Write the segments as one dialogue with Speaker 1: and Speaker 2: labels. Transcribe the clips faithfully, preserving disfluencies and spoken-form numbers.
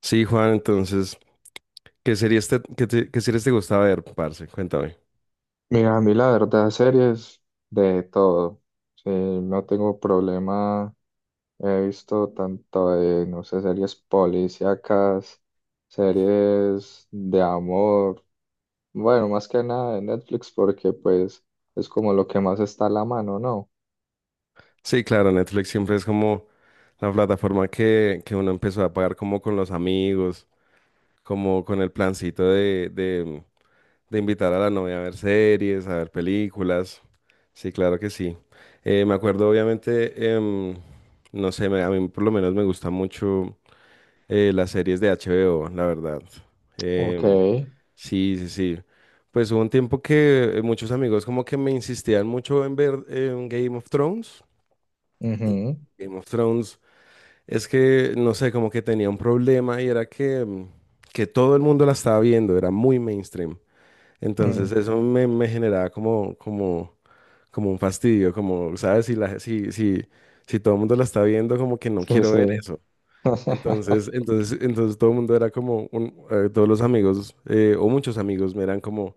Speaker 1: Sí, Juan, entonces, ¿qué series te, qué te- qué series te gusta ver, parce? Cuéntame.
Speaker 2: Mira, a mí la verdad, series de todo. Sí, no tengo problema. He visto tanto de, no sé, series policíacas, series de amor. Bueno, más que nada de Netflix porque pues es como lo que más está a la mano, ¿no?
Speaker 1: Sí, claro, Netflix siempre es como la plataforma que, que uno empezó a pagar como con los amigos, como con el plancito de, de, de invitar a la novia a ver series, a ver películas. Sí, claro que sí. Eh, me acuerdo, obviamente, em, no sé, me- a mí por lo menos me gusta mucho. Eh, las series de H B O, la verdad.
Speaker 2: Ok,
Speaker 1: Em,
Speaker 2: ujú,
Speaker 1: sí, sí, sí. Pues hubo un tiempo que eh, muchos amigos como que me insistían mucho en ver em, Game of Thrones. Y Game of Thrones es que, no sé, como que tenía un problema y era que, em, que todo el mundo la estaba viendo, era muy mainstream. Entonces
Speaker 2: mm,
Speaker 1: eso me, me generaba como, como, como un fastidio, como, ¿sabes? Si, la, si, si, si todo el mundo la está viendo, como que no
Speaker 2: sí,
Speaker 1: quiero ver
Speaker 2: sí.
Speaker 1: eso. Entonces, entonces, entonces todo el mundo era como, un- eh, todos los amigos, eh, o muchos amigos, me eran como,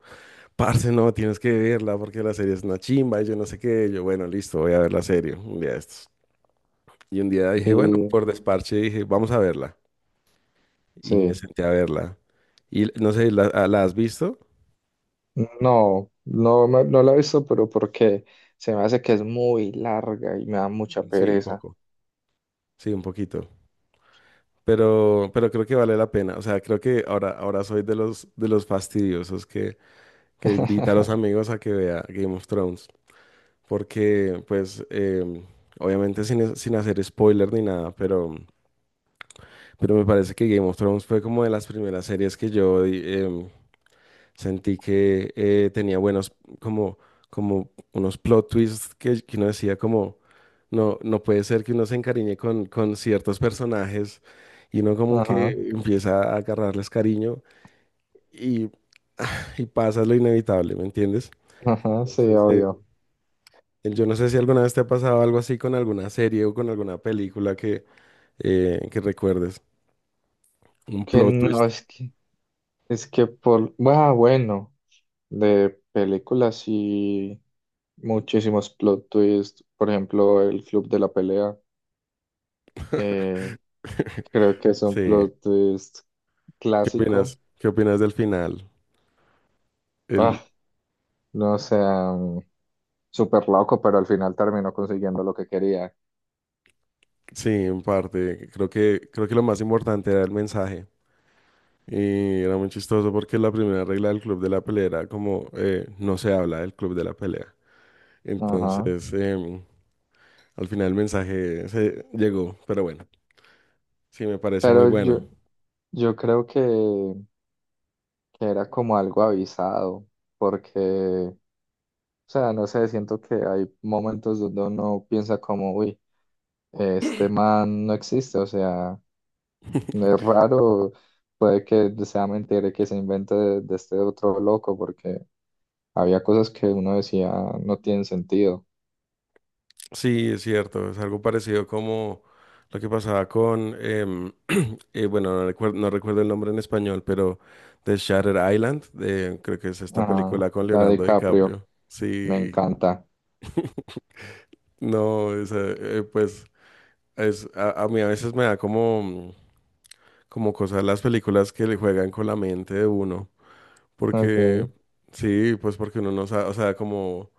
Speaker 1: parce, no, tienes que verla porque la serie es una chimba y yo no sé qué. Yo, bueno, listo, voy a ver la serie un día de estos. Y un día dije, bueno,
Speaker 2: Y
Speaker 1: por desparche dije, vamos a verla. Y me
Speaker 2: sí.
Speaker 1: senté a verla. Y no sé, ¿la, a- la has visto?
Speaker 2: No, no, me- no la he visto, pero porque se me hace que es muy larga y me da mucha
Speaker 1: Sí, un
Speaker 2: pereza.
Speaker 1: poco. Sí, un poquito. Pero, pero creo que vale la pena. O sea, creo que ahora, ahora soy de los, de los fastidiosos que, que invita a los amigos a que vea Game of Thrones. Porque pues eh, obviamente sin, sin hacer spoiler ni nada, pero, pero me parece que Game of Thrones fue como de las primeras series que yo di- em, sentí que eh, tenía buenos, como, como unos plot twists que, que uno decía como, no, no puede ser que uno se encariñe con, con ciertos personajes y uno como
Speaker 2: Ajá,
Speaker 1: que empieza a agarrarles cariño y, y pasa lo inevitable, ¿me entiendes?
Speaker 2: ajá, sí,
Speaker 1: Entonces,
Speaker 2: obvio.
Speaker 1: yo no sé si alguna vez te ha pasado algo así con alguna serie o con alguna película que, eh, que recuerdes. Un
Speaker 2: Que
Speaker 1: plot twist.
Speaker 2: no, es que, es que por, ah, bueno, de películas y muchísimos plot twists, por ejemplo, El Club de la Pelea, eh, creo que es
Speaker 1: Sí.
Speaker 2: un
Speaker 1: ¿Qué
Speaker 2: plot twist
Speaker 1: opinas?
Speaker 2: clásico.
Speaker 1: ¿Qué opinas del final? El,
Speaker 2: Ah, no sé, mm, súper loco, pero al final terminó consiguiendo lo que quería.
Speaker 1: sí, en parte. Creo que, creo que lo más importante era el mensaje. Y era muy chistoso porque la primera regla del club de la pelea era como eh, no se habla del club de la pelea.
Speaker 2: Ajá,
Speaker 1: Entonces, em, al final el mensaje se llegó. Pero bueno, sí, me parece muy
Speaker 2: pero
Speaker 1: bueno.
Speaker 2: yo, yo creo que, que era como algo avisado, porque... O sea, no sé, siento que hay momentos donde uno piensa como, uy, este man no existe, o sea, no es raro, puede que sea mentira y que se invente de, de este otro loco, porque había cosas que uno decía no tienen sentido.
Speaker 1: Sí, es cierto, es algo parecido como lo que pasaba con, em, eh, bueno, no recuerdo, no recuerdo el nombre en español, pero de Shutter Island, de- creo que es esta
Speaker 2: Ah,
Speaker 1: película con
Speaker 2: la de
Speaker 1: Leonardo
Speaker 2: Caprio,
Speaker 1: DiCaprio.
Speaker 2: me
Speaker 1: Sí,
Speaker 2: encanta.
Speaker 1: no, esa, eh, eh, pues es, a, a mí a veces me da como, como cosas las películas que le juegan con la mente de uno,
Speaker 2: Ok,
Speaker 1: porque sí, pues porque uno no sabe, o sea, como...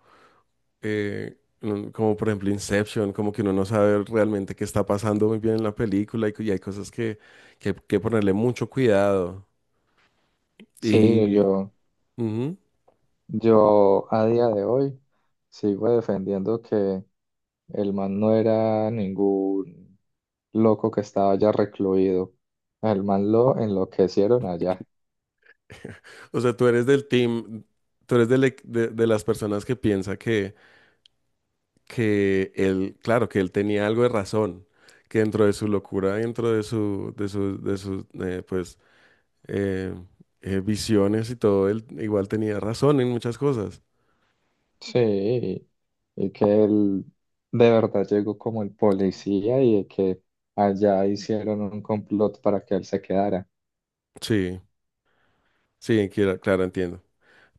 Speaker 1: eh, mm, como por ejemplo Inception, como que uno no sabe realmente qué está pasando muy bien en la película y, cu- y hay cosas que, que, que ponerle mucho cuidado.
Speaker 2: sí,
Speaker 1: Y,
Speaker 2: yo,
Speaker 1: ujú.
Speaker 2: yo a día de hoy sigo defendiendo que el man no era ningún loco que estaba allá recluido. El man lo enloquecieron allá.
Speaker 1: O sea, tú eres del team, tú eres del ec- de, de las personas que piensa que, que él, claro, que él tenía algo de razón, que dentro de su locura, dentro de su, de su, de sus, eh, pues, eh, eh, visiones y todo, él igual tenía razón en muchas cosas.
Speaker 2: Sí, y que él de verdad llegó como el policía y que allá hicieron un complot para que él se quedara.
Speaker 1: Sí, sí, quiera- claro, entiendo.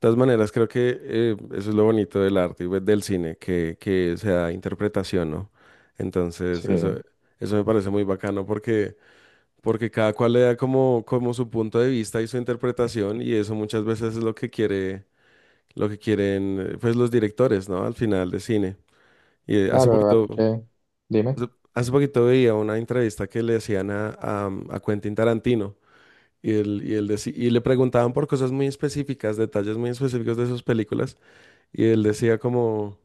Speaker 1: Todas maneras, creo que eh, eso es lo bonito del arte y pues, del cine, que, que sea interpretación, ¿no? Entonces,
Speaker 2: Sí,
Speaker 1: eso, eso me parece muy bacano porque, porque cada cual le da como, como su punto de vista y su interpretación, y eso muchas veces es lo que quiere, lo que quieren, eh, pues, los directores, ¿no? Al final de cine. Y eh, hace
Speaker 2: claro, hay
Speaker 1: poquito,
Speaker 2: que, dime.
Speaker 1: hace, hace poquito veía una entrevista que le hacían a, a, um, a Quentin Tarantino. Y, él, y, él deci- y le preguntaban por cosas muy específicas, detalles muy específicos de sus películas. Y él decía como,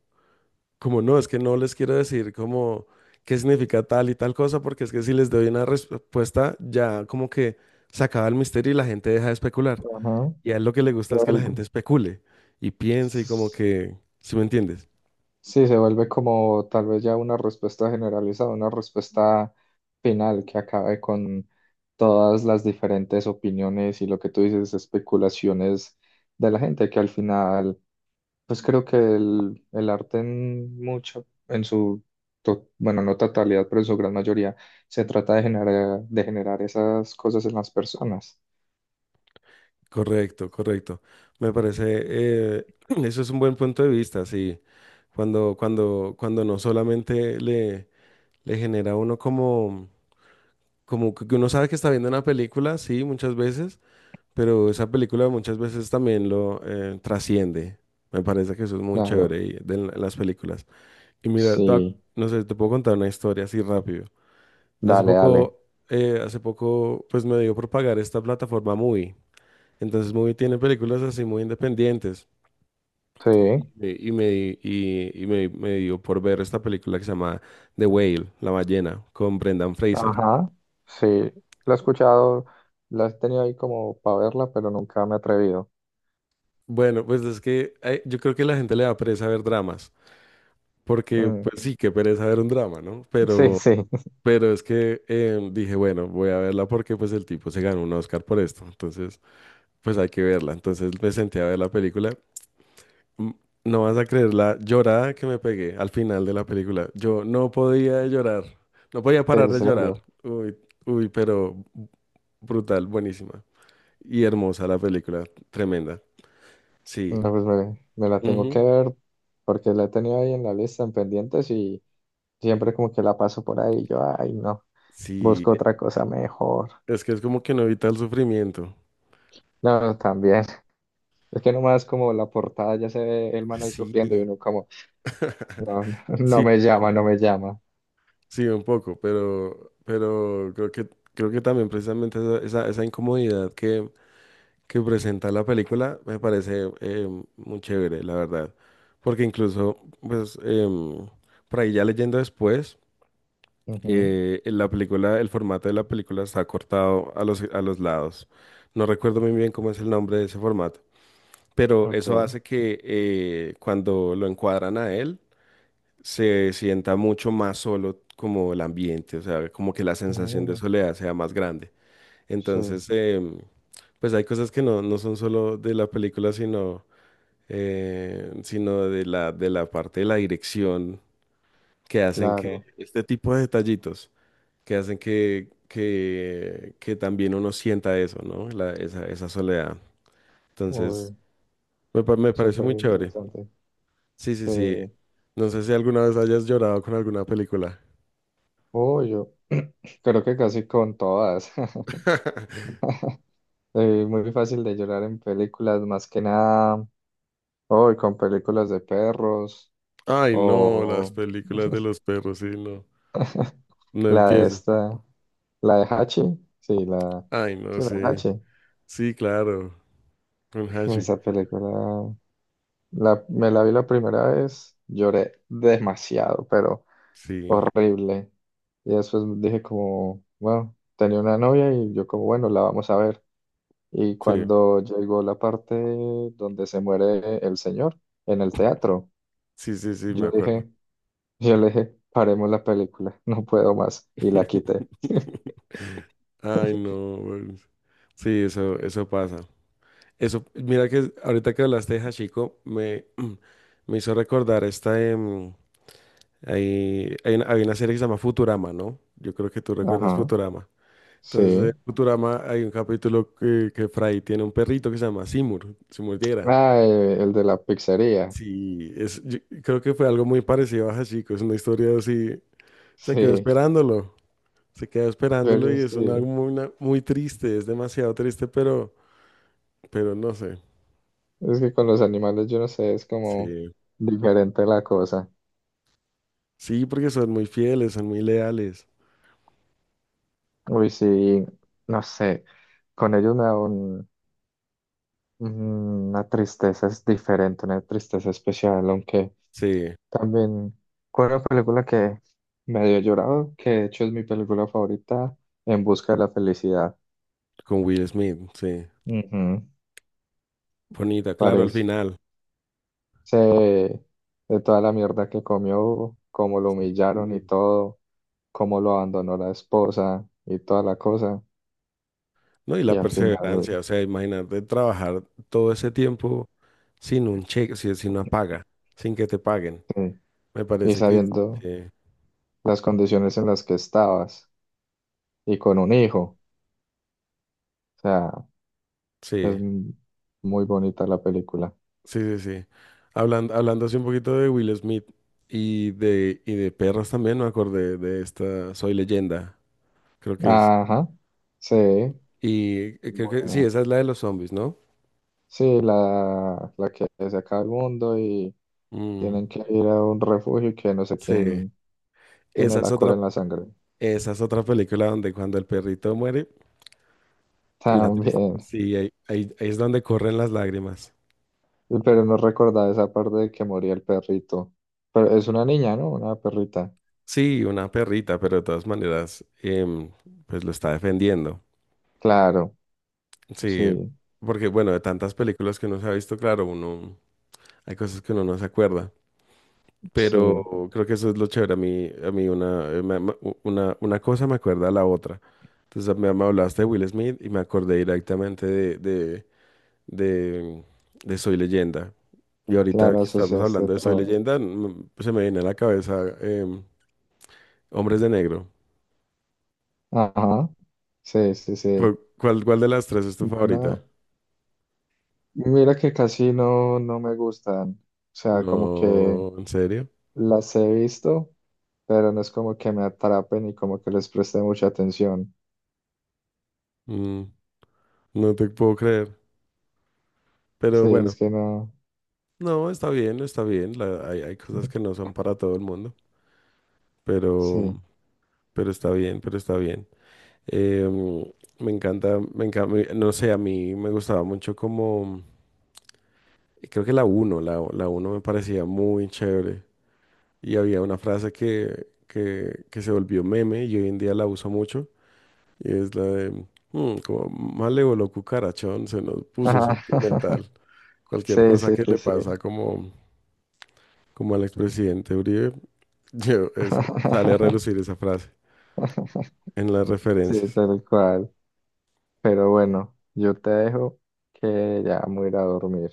Speaker 1: como no, es que no les quiero decir como qué significa tal y tal cosa, porque es que si les doy una respuesta ya como que se acaba el misterio y la gente deja de especular.
Speaker 2: Ajá,
Speaker 1: Y a él lo que le
Speaker 2: sí,
Speaker 1: gusta es que la
Speaker 2: algo.
Speaker 1: gente especule y piense y como que, ¿sí me entiendes?
Speaker 2: Sí, se vuelve como tal vez ya una respuesta generalizada, una respuesta final que acabe con todas las diferentes opiniones y lo que tú dices, especulaciones de la gente, que al final, pues creo que el, el arte en mucho, en su, to- bueno, no totalidad, pero en su gran mayoría, se trata de generar, de generar esas cosas en las personas.
Speaker 1: Correcto, correcto. Me parece, eh, eso es un buen punto de vista, sí. Cuando, cuando, cuando no solamente le, le genera a uno como, como que uno sabe que está viendo una película, sí, muchas veces pero esa película muchas veces también lo eh, trasciende. Me parece que eso es muy
Speaker 2: Claro,
Speaker 1: chévere y- de la- las películas. Y mira, te voy a-
Speaker 2: sí,
Speaker 1: no sé, te puedo contar una historia así rápido. Hace
Speaker 2: dale, dale.
Speaker 1: poco, eh, hace poco, pues me dio por pagar esta plataforma Movie. Entonces Movie tiene películas así muy independientes.
Speaker 2: Sí.
Speaker 1: Y, me, y me di- y- y me- Me dio por ver esta película que se llama The Whale, La ballena, con Brendan Fraser.
Speaker 2: Ajá, sí, la he escuchado, la he tenido ahí como para verla, pero nunca me he atrevido.
Speaker 1: Bueno, pues es que eh, yo creo que la gente le da pereza ver dramas. Porque,
Speaker 2: Mm,
Speaker 1: pues sí, qué pereza ver un drama, ¿no?
Speaker 2: sí,
Speaker 1: Pero,
Speaker 2: sí.
Speaker 1: pero es que eh, dije, bueno, voy a verla porque pues el tipo se ganó un Oscar por esto. Entonces, pues hay que verla. Entonces me senté a ver la película. Mm, No vas a creer la llorada que me pegué al final de la película. Yo no podía de llorar. No podía parar
Speaker 2: ¿En
Speaker 1: de llorar.
Speaker 2: serio?
Speaker 1: Uy, uy, pero brutal, buenísima. Y hermosa la película, tremenda. Sí.
Speaker 2: No, pues me, me la tengo
Speaker 1: Ujú.
Speaker 2: que ver porque la he tenido ahí en la lista en pendientes y siempre como que la paso por ahí y yo, ay, no,
Speaker 1: Sí,
Speaker 2: busco otra cosa mejor.
Speaker 1: es que es como que no evita el sufrimiento.
Speaker 2: No, también. Es que nomás como la portada ya se ve el man ahí
Speaker 1: Sí.
Speaker 2: sufriendo y uno como, no, no
Speaker 1: Sí,
Speaker 2: me
Speaker 1: un
Speaker 2: llama, no
Speaker 1: poco.
Speaker 2: me llama.
Speaker 1: Sí, un poco, pero, pero creo que, creo que también precisamente esa, esa, esa incomodidad que, que presenta la película me parece eh, muy chévere, la verdad. Porque incluso, pues, em, por ahí ya leyendo después,
Speaker 2: Ujú,
Speaker 1: eh, en la película, el formato de la película está cortado a los, a los lados. No recuerdo muy bien cómo es el nombre de ese formato, pero eso
Speaker 2: ok.
Speaker 1: hace que eh, cuando lo encuadran a él, se sienta mucho más solo como el ambiente, o sea, como que la sensación de
Speaker 2: Mm,
Speaker 1: soledad sea más grande.
Speaker 2: sí,
Speaker 1: Entonces, em, pues hay cosas que no, no son solo de la película, sino, eh, sino de la, de la parte de la dirección que hacen que
Speaker 2: claro.
Speaker 1: este tipo de detallitos, que hacen que, que, que también uno sienta eso, ¿no? La- esa, esa soledad. Entonces,
Speaker 2: Uy.
Speaker 1: me, pa- me parece
Speaker 2: Súper
Speaker 1: muy chévere.
Speaker 2: interesante.
Speaker 1: Sí, sí,
Speaker 2: Sí.
Speaker 1: sí. No sé si alguna vez hayas llorado con alguna película.
Speaker 2: Oh, yo creo que casi con todas. Eh, muy fácil de llorar en películas, más que nada. Hoy con películas de perros.
Speaker 1: Ay, no, las
Speaker 2: O
Speaker 1: películas de los perros, sí, no. No
Speaker 2: la de
Speaker 1: empieces.
Speaker 2: esta, la de Hachi. Sí, la,
Speaker 1: Ay, no
Speaker 2: sí, la de
Speaker 1: sé.
Speaker 2: Hachi.
Speaker 1: Sí, claro. Con Hashi.
Speaker 2: Esa película, la, me la vi la primera vez, lloré demasiado, pero
Speaker 1: Sí,
Speaker 2: horrible. Y después dije como, bueno, tenía una novia y yo como, bueno, la vamos a ver. Y
Speaker 1: sí,
Speaker 2: cuando llegó la parte donde se muere el señor en el teatro,
Speaker 1: sí, sí, sí, me
Speaker 2: yo
Speaker 1: acuerdo.
Speaker 2: dije, yo le dije, paremos la película, no puedo más. Y la quité.
Speaker 1: Ay, no. Bueno. Sí, eso, eso pasa. Eso, mira que ahorita que hablaste de Hachiko, me, me hizo recordar esta. Em, hay, hay una, hay una serie que se llama Futurama, ¿no? Yo creo que tú recuerdas
Speaker 2: Ajá,
Speaker 1: Futurama. Entonces, de
Speaker 2: sí.
Speaker 1: Futurama hay un capítulo que, que Fry tiene un perrito que se llama Seymour, Seymour Yera.
Speaker 2: Ah, eh, el de la pizzería.
Speaker 1: Sí, es, yo creo que fue algo muy parecido a Hachiko, es una historia así, se quedó
Speaker 2: Sí,
Speaker 1: esperándolo, se quedó esperándolo
Speaker 2: pero
Speaker 1: y es una
Speaker 2: sí.
Speaker 1: muy, una- muy triste, es demasiado triste, pero, pero no sé,
Speaker 2: Es que con los animales, yo no sé, es como
Speaker 1: sí,
Speaker 2: diferente la cosa.
Speaker 1: sí, porque son muy fieles, son muy leales,
Speaker 2: Uy, sí, no sé. Con ellos me da un- Una tristeza, es diferente, una tristeza especial, aunque...
Speaker 1: sí,
Speaker 2: También fue una película que me dio llorado, que de hecho es mi película favorita, En busca de la felicidad.
Speaker 1: con Will Smith, sí,
Speaker 2: Ujú,
Speaker 1: bonita, claro, al
Speaker 2: parece
Speaker 1: final.
Speaker 2: de toda la mierda que comió, cómo lo humillaron y todo, cómo lo abandonó la esposa y toda la cosa.
Speaker 1: ¿No? Y la
Speaker 2: Y al final,
Speaker 1: perseverancia, o sea, imagínate trabajar todo ese tiempo sin un cheque, si- sin una paga, sin que te paguen.
Speaker 2: sí,
Speaker 1: Me
Speaker 2: y
Speaker 1: parece que
Speaker 2: sabiendo
Speaker 1: eh,
Speaker 2: las condiciones en las que estabas y con un hijo. O sea, es
Speaker 1: sí,
Speaker 2: m- muy bonita la película.
Speaker 1: sí, sí, sí. Hablando, hablando así un poquito de Will Smith y de, y de perros también, me acordé de esta Soy Leyenda, creo que es.
Speaker 2: Ajá, sí,
Speaker 1: Y eh, creo que sí,
Speaker 2: bueno.
Speaker 1: esa es la de los zombies, ¿no?
Speaker 2: Sí, la, la que se acaba el mundo y
Speaker 1: Mm,
Speaker 2: tienen que ir a un refugio que no sé
Speaker 1: sí,
Speaker 2: quién tiene
Speaker 1: esa es
Speaker 2: la cura
Speaker 1: otra,
Speaker 2: en la sangre.
Speaker 1: esa es otra película donde cuando el perrito muere, la
Speaker 2: También,
Speaker 1: tristeza, sí, ahí ahí- ahí es donde corren las lágrimas.
Speaker 2: pero no recordaba esa parte de que moría el perrito. Pero es una niña, ¿no? Una perrita.
Speaker 1: Sí, una perrita, pero de todas maneras, em, pues lo está defendiendo.
Speaker 2: Claro,
Speaker 1: Sí,
Speaker 2: sí,
Speaker 1: porque bueno, de tantas películas que uno se ha visto, claro, uno, hay cosas que uno no se acuerda,
Speaker 2: sí,
Speaker 1: pero creo que eso es lo chévere. A mí, a mí una, eh, me- me- u- una, una cosa me acuerda a la otra. Entonces me, me hablaste de Will Smith y me acordé directamente de, de, de, de Soy Leyenda. Y ahorita
Speaker 2: claro,
Speaker 1: que estamos
Speaker 2: asociaste
Speaker 1: hablando de Soy
Speaker 2: todo.
Speaker 1: Leyenda, mm, se me viene a la cabeza em, Hombres de Negro.
Speaker 2: Ajá, sí, sí, sí.
Speaker 1: ¿Cu- ¿Cuál, cuál de las tres es tu favorita?
Speaker 2: Bueno, mira que casi no, no me gustan. O sea, como que
Speaker 1: No, ¿en serio?
Speaker 2: las he visto pero no es como que me atrapen y como que les preste mucha atención.
Speaker 1: Mm, no te puedo creer. Pero
Speaker 2: Sí,
Speaker 1: bueno,
Speaker 2: es que no.
Speaker 1: no, está bien, está bien. La- hay, hay cosas que no son para todo el mundo, pero,
Speaker 2: Sí.
Speaker 1: pero está bien, pero está bien. Em, Me encanta, me encanta, no sé, a mí me gustaba mucho como, creo que la uno, la, la uno me parecía muy chévere. Y había una frase que, que, que se volvió meme y hoy en día la uso mucho. Y es la de, mm, como malévolo cucarachón, se nos puso
Speaker 2: Ajá.
Speaker 1: sentimental. Cualquier
Speaker 2: Sí,
Speaker 1: cosa
Speaker 2: sí,
Speaker 1: que
Speaker 2: sí,
Speaker 1: le
Speaker 2: sí.
Speaker 1: pasa como, como al expresidente Uribe, yo- es- sale a relucir esa frase en las
Speaker 2: Sí,
Speaker 1: referencias.
Speaker 2: tal cual. Pero bueno, yo te dejo que ya me voy a ir a dormir.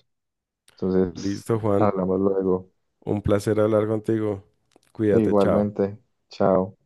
Speaker 2: Entonces,
Speaker 1: Listo, Juan,
Speaker 2: hablamos luego.
Speaker 1: un placer hablar contigo. Cuídate, chao.
Speaker 2: Igualmente. Chao.